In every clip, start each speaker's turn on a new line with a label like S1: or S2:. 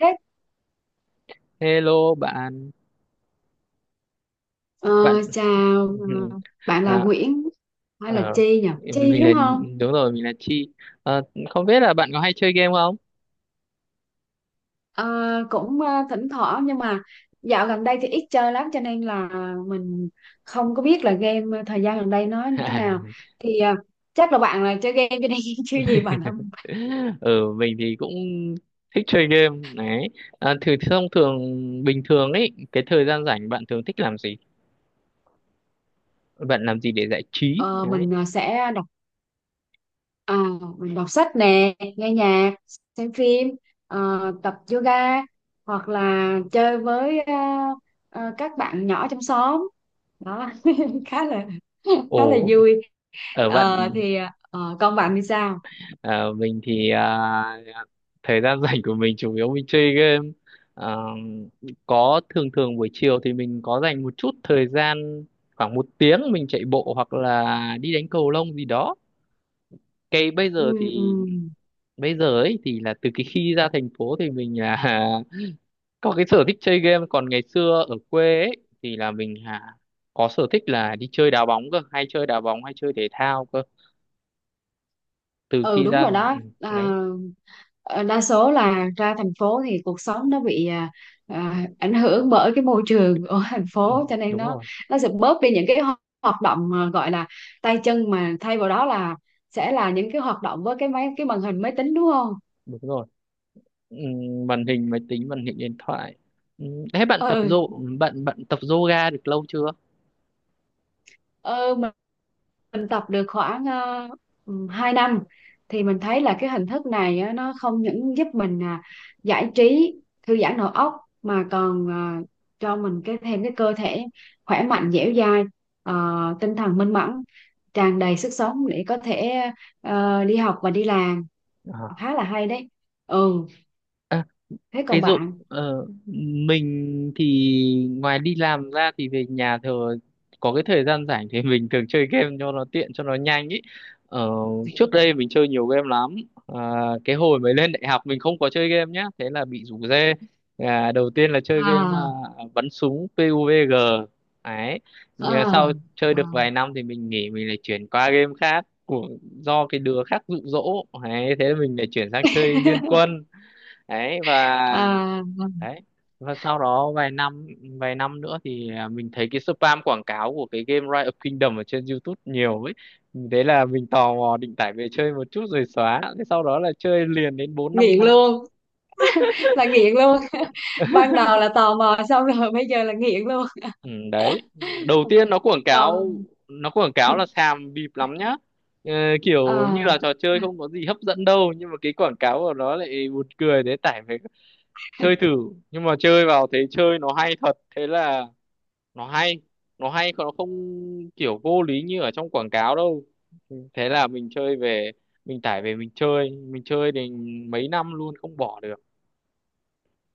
S1: Thế,
S2: Hello bạn
S1: ờ,
S2: bạn
S1: chào. ờ, Bạn là
S2: à,
S1: Nguyễn hay là
S2: à,
S1: Chi nhỉ? Chi
S2: mình
S1: đúng
S2: là
S1: không?
S2: đúng rồi mình là Chi. Ờ, Không biết là bạn có hay chơi game không?
S1: Ờ, cũng thỉnh thoảng, nhưng mà dạo gần đây thì ít chơi lắm, cho nên là mình không có biết là game thời gian gần đây nó như thế nào. Thì ờ, Chắc là bạn là chơi game cho nên chứ gì bạn không?
S2: Ừ, mình thì cũng thích chơi game đấy. Thì thông thường bình thường ấy, cái thời gian rảnh bạn thường thích làm gì, bạn làm gì để giải trí
S1: Ờ,
S2: đấy?
S1: mình sẽ đọc, à, mình đọc sách nè, nghe nhạc, xem phim, tập yoga, hoặc là chơi với các bạn nhỏ trong xóm đó, khá là khá là
S2: Ồ,
S1: vui.
S2: ở bạn.
S1: Ờ, con bạn thì sao?
S2: Ờ, mình thì thời gian rảnh của mình chủ yếu mình chơi game. Ờ, thường thường buổi chiều thì mình có dành một chút thời gian, khoảng một tiếng mình chạy bộ hoặc là đi đánh cầu lông gì đó. Cái bây giờ
S1: Ừ, ừ.
S2: thì Bây giờ ấy thì là từ cái khi ra thành phố thì mình là có cái sở thích chơi game, còn ngày xưa ở quê ấy thì là mình có sở thích là đi chơi đá bóng cơ, hay chơi đá bóng hay chơi thể thao cơ. Từ
S1: Ừ,
S2: khi
S1: đúng
S2: ra,
S1: rồi đó.
S2: đấy.
S1: Đa số là ra thành phố thì cuộc sống nó bị ảnh hưởng bởi cái môi trường ở thành
S2: ừ,
S1: phố, cho nên
S2: Đúng
S1: nó
S2: rồi,
S1: nó sẽ bớt đi những cái hoạt động mà gọi là tay chân, mà thay vào đó là sẽ là những cái hoạt động với cái máy, cái màn hình máy tính, đúng không?
S2: đúng rồi. Màn hình máy tính, màn hình điện thoại. Thế
S1: Ừ.
S2: bạn bạn tập yoga được lâu chưa?
S1: Ờ, mình tập được khoảng 2 năm, thì mình thấy là cái hình thức này á, nó không những giúp mình giải trí, thư giãn đầu óc, mà còn cho mình cái thêm cái cơ thể khỏe mạnh, dẻo dai, ờ, tinh thần minh mẫn, tràn đầy sức sống để có thể đi học và đi làm.
S2: À.
S1: Khá là hay đấy. Ừ, thế
S2: Thế
S1: còn
S2: Dũng,
S1: bạn?
S2: ờ, mình thì ngoài đi làm ra thì về nhà thường có cái thời gian rảnh thì mình thường chơi game cho nó tiện cho nó nhanh ý. Ờ, Trước đây mình chơi nhiều game lắm. À, cái hồi mới lên đại học mình không có chơi game nhá, thế là bị rủ rê. À, đầu tiên là chơi game
S1: À,
S2: bắn súng PUBG. Đấy. Nhưng mà
S1: à,
S2: sau chơi
S1: à,
S2: được vài năm thì mình nghỉ, mình lại chuyển qua game khác của do cái đứa khác dụ dỗ. Đấy, thế là mình lại chuyển sang chơi Liên Quân. Đấy, và
S1: à,
S2: đấy và sau đó vài năm, vài năm nữa thì mình thấy cái spam quảng cáo của cái game Rise of Kingdom ở trên YouTube nhiều ấy, thế là mình tò mò định tải về chơi một chút rồi xóa, thế sau đó là chơi liền đến bốn năm
S1: nghiện
S2: năm.
S1: luôn. Là nghiện luôn. Ban đầu là tò mò xong rồi bây giờ là nghiện luôn.
S2: Ừ, Đấy, đầu tiên nó quảng cáo
S1: còn
S2: nó quảng cáo là xàm bịp lắm nhá. Ờ, Kiểu như
S1: à,
S2: là trò chơi không có gì hấp dẫn đâu nhưng mà cái quảng cáo của nó lại buồn cười, thế tải về chơi thử. Nhưng mà chơi vào thấy chơi nó hay thật, thế là nó hay, nó hay còn nó không kiểu vô lý như ở trong quảng cáo đâu. Thế là mình tải về mình chơi, mình chơi thì mấy năm luôn không bỏ được.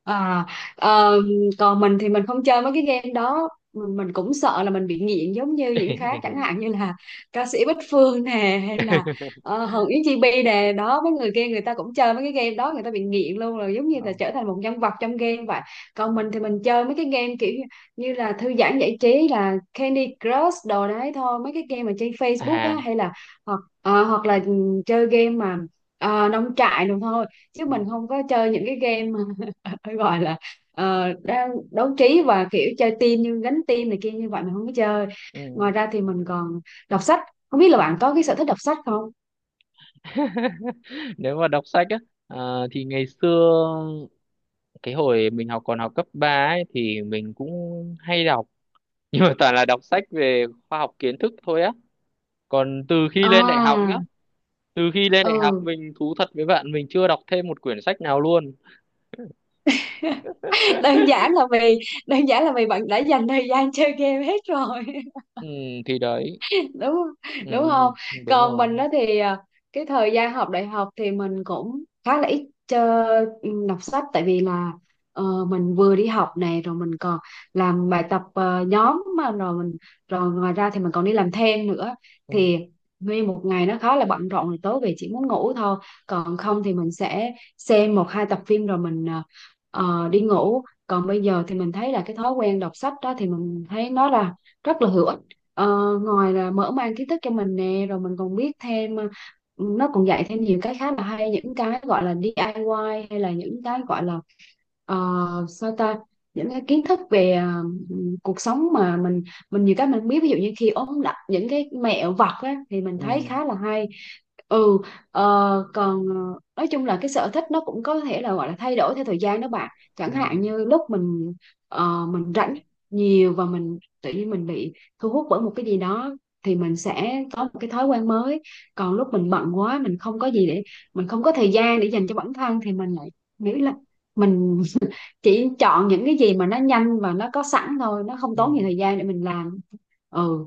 S1: À, ờ, Còn mình thì mình không chơi mấy cái game đó. Mình cũng sợ là mình bị nghiện giống như những khác, chẳng hạn như là ca sĩ Bích Phương nè, hay là Hồng Yến, Chi Bi nè đó. Mấy người kia, người ta cũng chơi mấy cái game đó, người ta bị nghiện luôn rồi, giống như là
S2: Không.
S1: trở thành một nhân vật trong game vậy. Còn mình thì mình chơi mấy cái game kiểu như như là thư giãn, giải trí, là Candy Crush đồ đấy thôi, mấy cái game mà trên Facebook á,
S2: À,
S1: hay là hoặc ờ, hoặc là ừ, chơi game mà nông trại đồ thôi, chứ
S2: ừ.
S1: mình không có chơi những cái game phải gọi là đang đấu trí và kiểu chơi team như gánh team này kia. Như vậy mình không có chơi.
S2: ừ.
S1: Ngoài ra thì mình còn đọc sách. Không biết là bạn có cái sở thích đọc sách không?
S2: Nếu mà đọc sách á, thì ngày xưa cái hồi mình học còn học cấp 3 ấy thì mình cũng hay đọc, nhưng mà toàn là đọc sách về khoa học kiến thức thôi á. Còn
S1: À,
S2: từ khi lên đại học
S1: ừ.
S2: mình thú thật với bạn mình chưa đọc thêm một quyển sách nào luôn.
S1: Đơn giản là vì bạn đã dành thời gian chơi game hết rồi.
S2: ừ, thì đấy.
S1: Đúng.
S2: ừ,
S1: Đúng không?
S2: Đúng
S1: Còn
S2: rồi.
S1: mình đó thì cái thời gian học đại học thì mình cũng khá là ít chơi đọc sách, tại vì là mình vừa đi học này, rồi mình còn làm bài tập nhóm mà, rồi ngoài ra thì mình còn đi làm thêm nữa,
S2: ừ,
S1: thì nguyên một ngày nó khá là bận rộn rồi, tối về chỉ muốn ngủ thôi, còn không thì mình sẽ xem một hai tập phim rồi mình đi ngủ. Còn bây giờ thì mình thấy là cái thói quen đọc sách đó thì mình thấy nó là rất là hữu. Ờ, ngoài là mở mang kiến thức cho mình nè, rồi mình còn biết thêm nó còn dạy thêm nhiều cái khá là hay, những cái gọi là DIY hay là những cái gọi là ờ, sao ta, những cái kiến thức về cuộc sống mà mình nhiều cái mình không biết, ví dụ như khi ốm đặt những cái mẹo vặt á, thì mình
S2: ừ,
S1: thấy khá là hay. Ừ. ờ, Còn nói chung là cái sở thích nó cũng có thể là gọi là thay đổi theo thời gian đó bạn. Chẳng
S2: ừ,
S1: hạn như lúc mình mình rảnh nhiều, và mình tự nhiên mình bị thu hút bởi một cái gì đó, thì mình sẽ có một cái thói quen mới. Còn lúc mình bận quá, mình không có thời gian để dành cho bản thân, thì mình lại nghĩ là mình chỉ chọn những cái gì mà nó nhanh và nó có sẵn thôi, nó không tốn nhiều
S2: ừ.
S1: thời gian để mình làm. Ừ.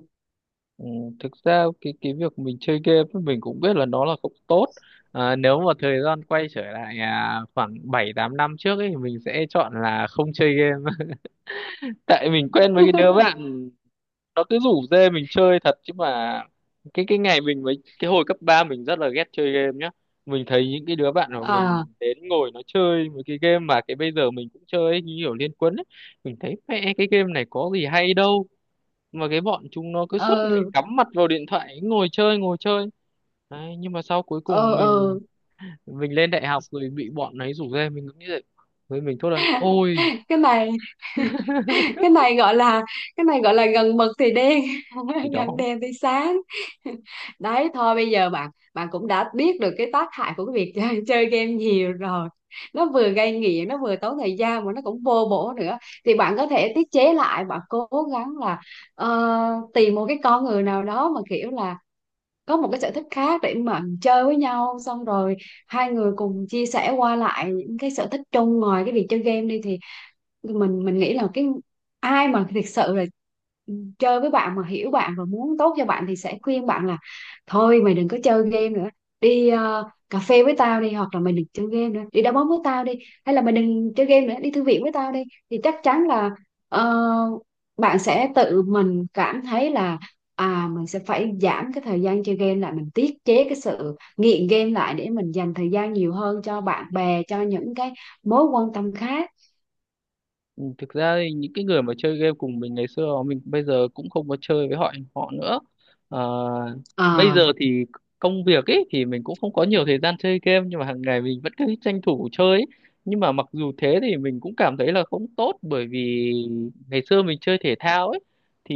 S2: ừ. Thực ra cái việc mình chơi game ấy, mình cũng biết là nó là không tốt. Nếu mà thời gian quay trở lại, khoảng bảy tám năm trước ấy thì mình sẽ chọn là không chơi game. Tại mình quen với cái đứa bạn, nó cứ rủ dê mình chơi thật chứ mà. Cái hồi cấp 3 mình rất là ghét chơi game nhá, mình thấy những cái đứa bạn của
S1: À,
S2: mình đến ngồi nó chơi một cái game mà cái bây giờ mình cũng chơi ấy, như kiểu Liên Quân ấy. Mình thấy mẹ cái game này có gì hay đâu mà cái bọn chúng nó cứ suốt ngày
S1: ừ.
S2: cắm mặt vào điện thoại ngồi chơi ngồi chơi. Đấy, nhưng mà sau cuối cùng
S1: Ừ. Ừ.
S2: mình lên đại học rồi bị bọn ấy rủ dê mình cũng nghĩ vậy, với mình thốt lên ôi.
S1: Cái này cái này gọi là cái này gọi là gần mực thì đen,
S2: Thì đó,
S1: gần đèn thì sáng. Đấy thôi, bây giờ bạn bạn cũng đã biết được cái tác hại của cái việc chơi, chơi game nhiều rồi. Nó vừa gây nghiện, nó vừa tốn thời gian, mà nó cũng vô bổ nữa. Thì bạn có thể tiết chế lại, bạn cố gắng là tìm một cái con người nào đó mà kiểu là có một cái sở thích khác để mà chơi với nhau, xong rồi hai người cùng chia sẻ qua lại những cái sở thích chung ngoài cái việc chơi game đi, thì mình nghĩ là cái ai mà thực sự là chơi với bạn mà hiểu bạn và muốn tốt cho bạn thì sẽ khuyên bạn là thôi mày đừng có chơi game nữa, đi cà phê với tao đi, hoặc là mày đừng chơi game nữa đi đá bóng với tao đi, hay là mày đừng chơi game nữa đi thư viện với tao đi. Thì chắc chắn là ờ, bạn sẽ tự mình cảm thấy là à mình sẽ phải giảm cái thời gian chơi game lại, mình tiết chế cái sự nghiện game lại để mình dành thời gian nhiều hơn cho bạn bè, cho những cái mối quan tâm khác.
S2: thực ra thì những cái người mà chơi game cùng mình ngày xưa mình bây giờ cũng không có chơi với họ họ nữa. Ờ, Bây
S1: Ờ.
S2: giờ thì công việc ấy thì mình cũng không có nhiều thời gian chơi game, nhưng mà hàng ngày mình vẫn cứ tranh thủ chơi ấy. Nhưng mà mặc dù thế thì mình cũng cảm thấy là không tốt, bởi vì ngày xưa mình chơi thể thao ấy thì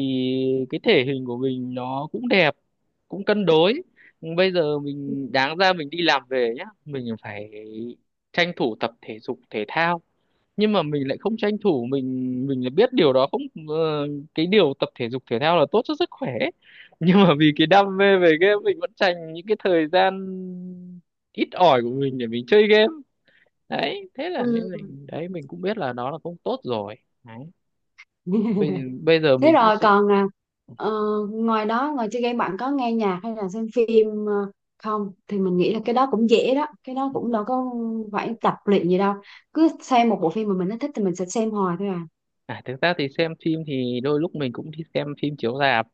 S2: cái thể hình của mình nó cũng đẹp, cũng cân đối. Nhưng bây giờ mình đáng ra mình đi làm về nhá mình phải tranh thủ tập thể dục thể thao, nhưng mà mình lại không tranh thủ, mình lại biết điều đó không, ờ, cái điều tập thể dục thể thao là tốt cho sức khỏe. Nhưng mà vì cái đam mê về game mình vẫn dành những cái thời gian ít ỏi của mình để mình chơi game. Đấy, thế
S1: Ừ.
S2: là nên mình đấy mình cũng biết là nó là không tốt rồi. Đấy, bây, bây giờ
S1: Thế
S2: mình cũng
S1: rồi
S2: sẽ.
S1: còn ờ, ngoài đó, ngoài chơi game bạn có nghe nhạc hay là xem phim không? Thì mình nghĩ là cái đó cũng dễ đó, cái đó cũng đâu có phải tập luyện gì đâu, cứ xem một bộ phim mà mình nó thích thì mình sẽ xem hoài thôi à.
S2: À, thực ra thì xem phim thì đôi lúc mình cũng đi xem phim chiếu rạp.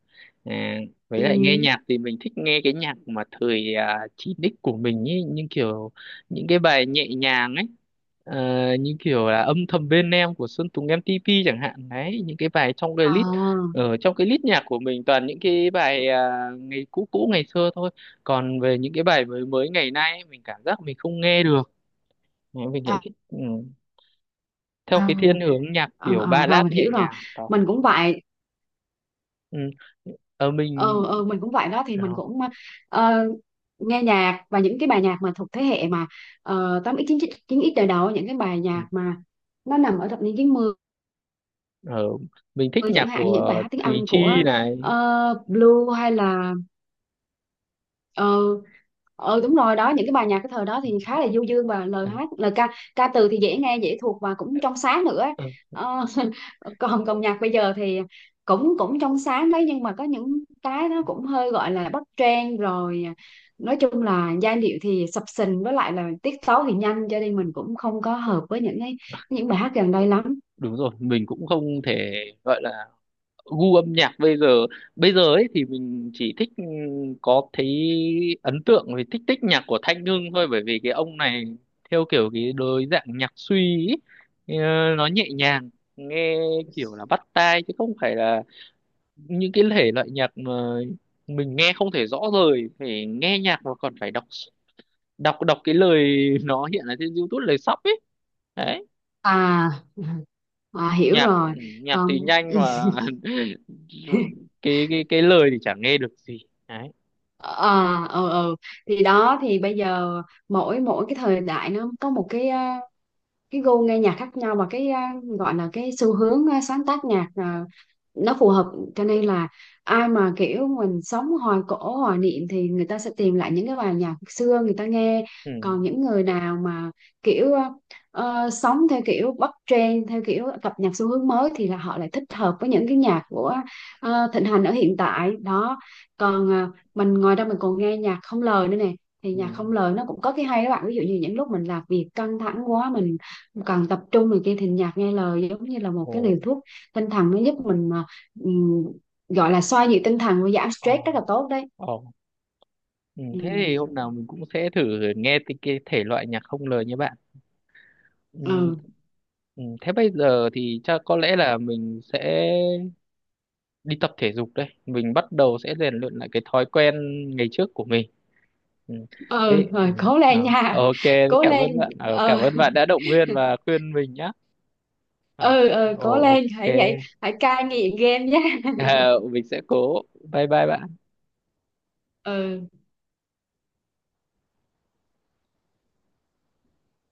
S2: à, với lại nghe
S1: Ừ.
S2: nhạc thì mình thích nghe cái nhạc mà thời 9x của mình ý, nhưng kiểu những cái bài nhẹ nhàng ấy. Ờ, Như kiểu là âm thầm bên em của Sơn Tùng MTP chẳng hạn, đấy những cái bài trong cái
S1: Ờ.
S2: list ở trong cái list nhạc của mình toàn những cái bài, ngày cũ cũ ngày xưa thôi. Còn về những cái bài mới mới ngày nay ấy, mình cảm giác mình không nghe được. Đấy, mình lại
S1: à,
S2: thích, theo
S1: à,
S2: cái thiên hướng nhạc kiểu
S1: Rồi
S2: ballad
S1: mình
S2: nhẹ
S1: hiểu rồi,
S2: nhàng đó.
S1: mình cũng vậy.
S2: ừ. ở mình
S1: Ờ, mình cũng vậy đó, thì mình cũng ờ, nghe nhạc, và những cái bài nhạc mà thuộc thế hệ mà 8x, chín x, 9 đời đầu, những cái bài nhạc mà nó nằm ở thập niên chín mươi,
S2: ở mình thích
S1: chẳng
S2: nhạc
S1: hạn như những bài
S2: của
S1: hát tiếng
S2: Thùy
S1: Anh của
S2: Chi này.
S1: Blue hay là ờ đúng rồi đó. Những cái bài nhạc cái thời đó thì khá là du dương, và lời
S2: À,
S1: hát, lời ca, ca từ thì dễ nghe, dễ thuộc, và cũng trong sáng nữa.
S2: ờ,
S1: Ờ, còn còn nhạc bây giờ thì cũng cũng trong sáng đấy, nhưng mà có những cái nó cũng hơi gọi là bắt trend rồi, nói chung là giai điệu thì sập sình, với lại là tiết tấu thì nhanh, cho nên mình cũng không có hợp với những cái những bài hát gần đây lắm.
S2: đúng rồi, mình cũng không thể gọi là gu âm nhạc bây giờ. Bây giờ ấy thì mình chỉ thích, ừ, có thấy ấn tượng về thích thích nhạc của Thanh Hưng thôi, bởi vì cái ông này theo kiểu cái đối dạng nhạc suy ấy. Ờ, nó nhẹ nhàng, nghe kiểu là bắt tai chứ không phải là những cái thể loại nhạc mà mình nghe không thể rõ rời, phải nghe nhạc mà còn phải đọc đọc đọc cái lời, nó hiện ở trên YouTube lời sub ấy. Đấy,
S1: À, à hiểu
S2: nhạc,
S1: rồi.
S2: nhạc
S1: Còn
S2: thì nhanh mà cái lời thì chả nghe được gì. Đấy.
S1: ờ ờ ờ thì đó, thì bây giờ mỗi mỗi cái thời đại nó có một cái gu nghe nhạc khác nhau, và cái gọi là cái xu hướng sáng tác nhạc nó phù hợp, cho nên là ai mà kiểu mình sống hoài cổ, hoài niệm thì người ta sẽ tìm lại những cái bài nhạc xưa người ta nghe.
S2: Ừ,
S1: Còn những người nào mà kiểu sống theo kiểu bắt trend, theo kiểu cập nhật xu hướng mới thì là họ lại thích hợp với những cái nhạc của thịnh hành ở hiện tại đó. Còn mình ngoài ra mình còn nghe nhạc không lời nữa nè. Thì
S2: ừ.
S1: nhạc không lời nó cũng có cái hay đó bạn, ví dụ như những lúc mình làm việc căng thẳng quá, mình còn tập trung này kia, thì nhạc nghe lời giống như là một
S2: Ồ,
S1: cái liều thuốc tinh thần, nó giúp mình mà ừm, gọi là xoa dịu tinh thần và giảm
S2: ồ,
S1: stress rất là tốt đấy.
S2: ồ. Ừ.
S1: Ừ.
S2: Thế thì hôm nào mình cũng sẽ thử nghe cái thể loại nhạc không lời như bạn. ừ.
S1: Ừ.
S2: Ừ. Thế bây giờ thì chắc có lẽ là mình sẽ đi tập thể dục đây, mình bắt đầu sẽ rèn luyện lại cái thói quen ngày trước của mình. Ừ.
S1: Ừ,
S2: Thế, ừ.
S1: rồi cố
S2: à,
S1: lên nha.
S2: ok,
S1: Cố
S2: cảm
S1: lên.
S2: ơn bạn. Ờ, Cảm
S1: Ừ.
S2: ơn bạn đã động viên và khuyên mình nhé. Ờ,
S1: Ừ, ừ, cố
S2: Ồ,
S1: lên,
S2: ok.
S1: hãy vậy, hãy cai nghiện game nhé.
S2: Ờ, mình sẽ cố. Bye bye bạn.
S1: Ừ.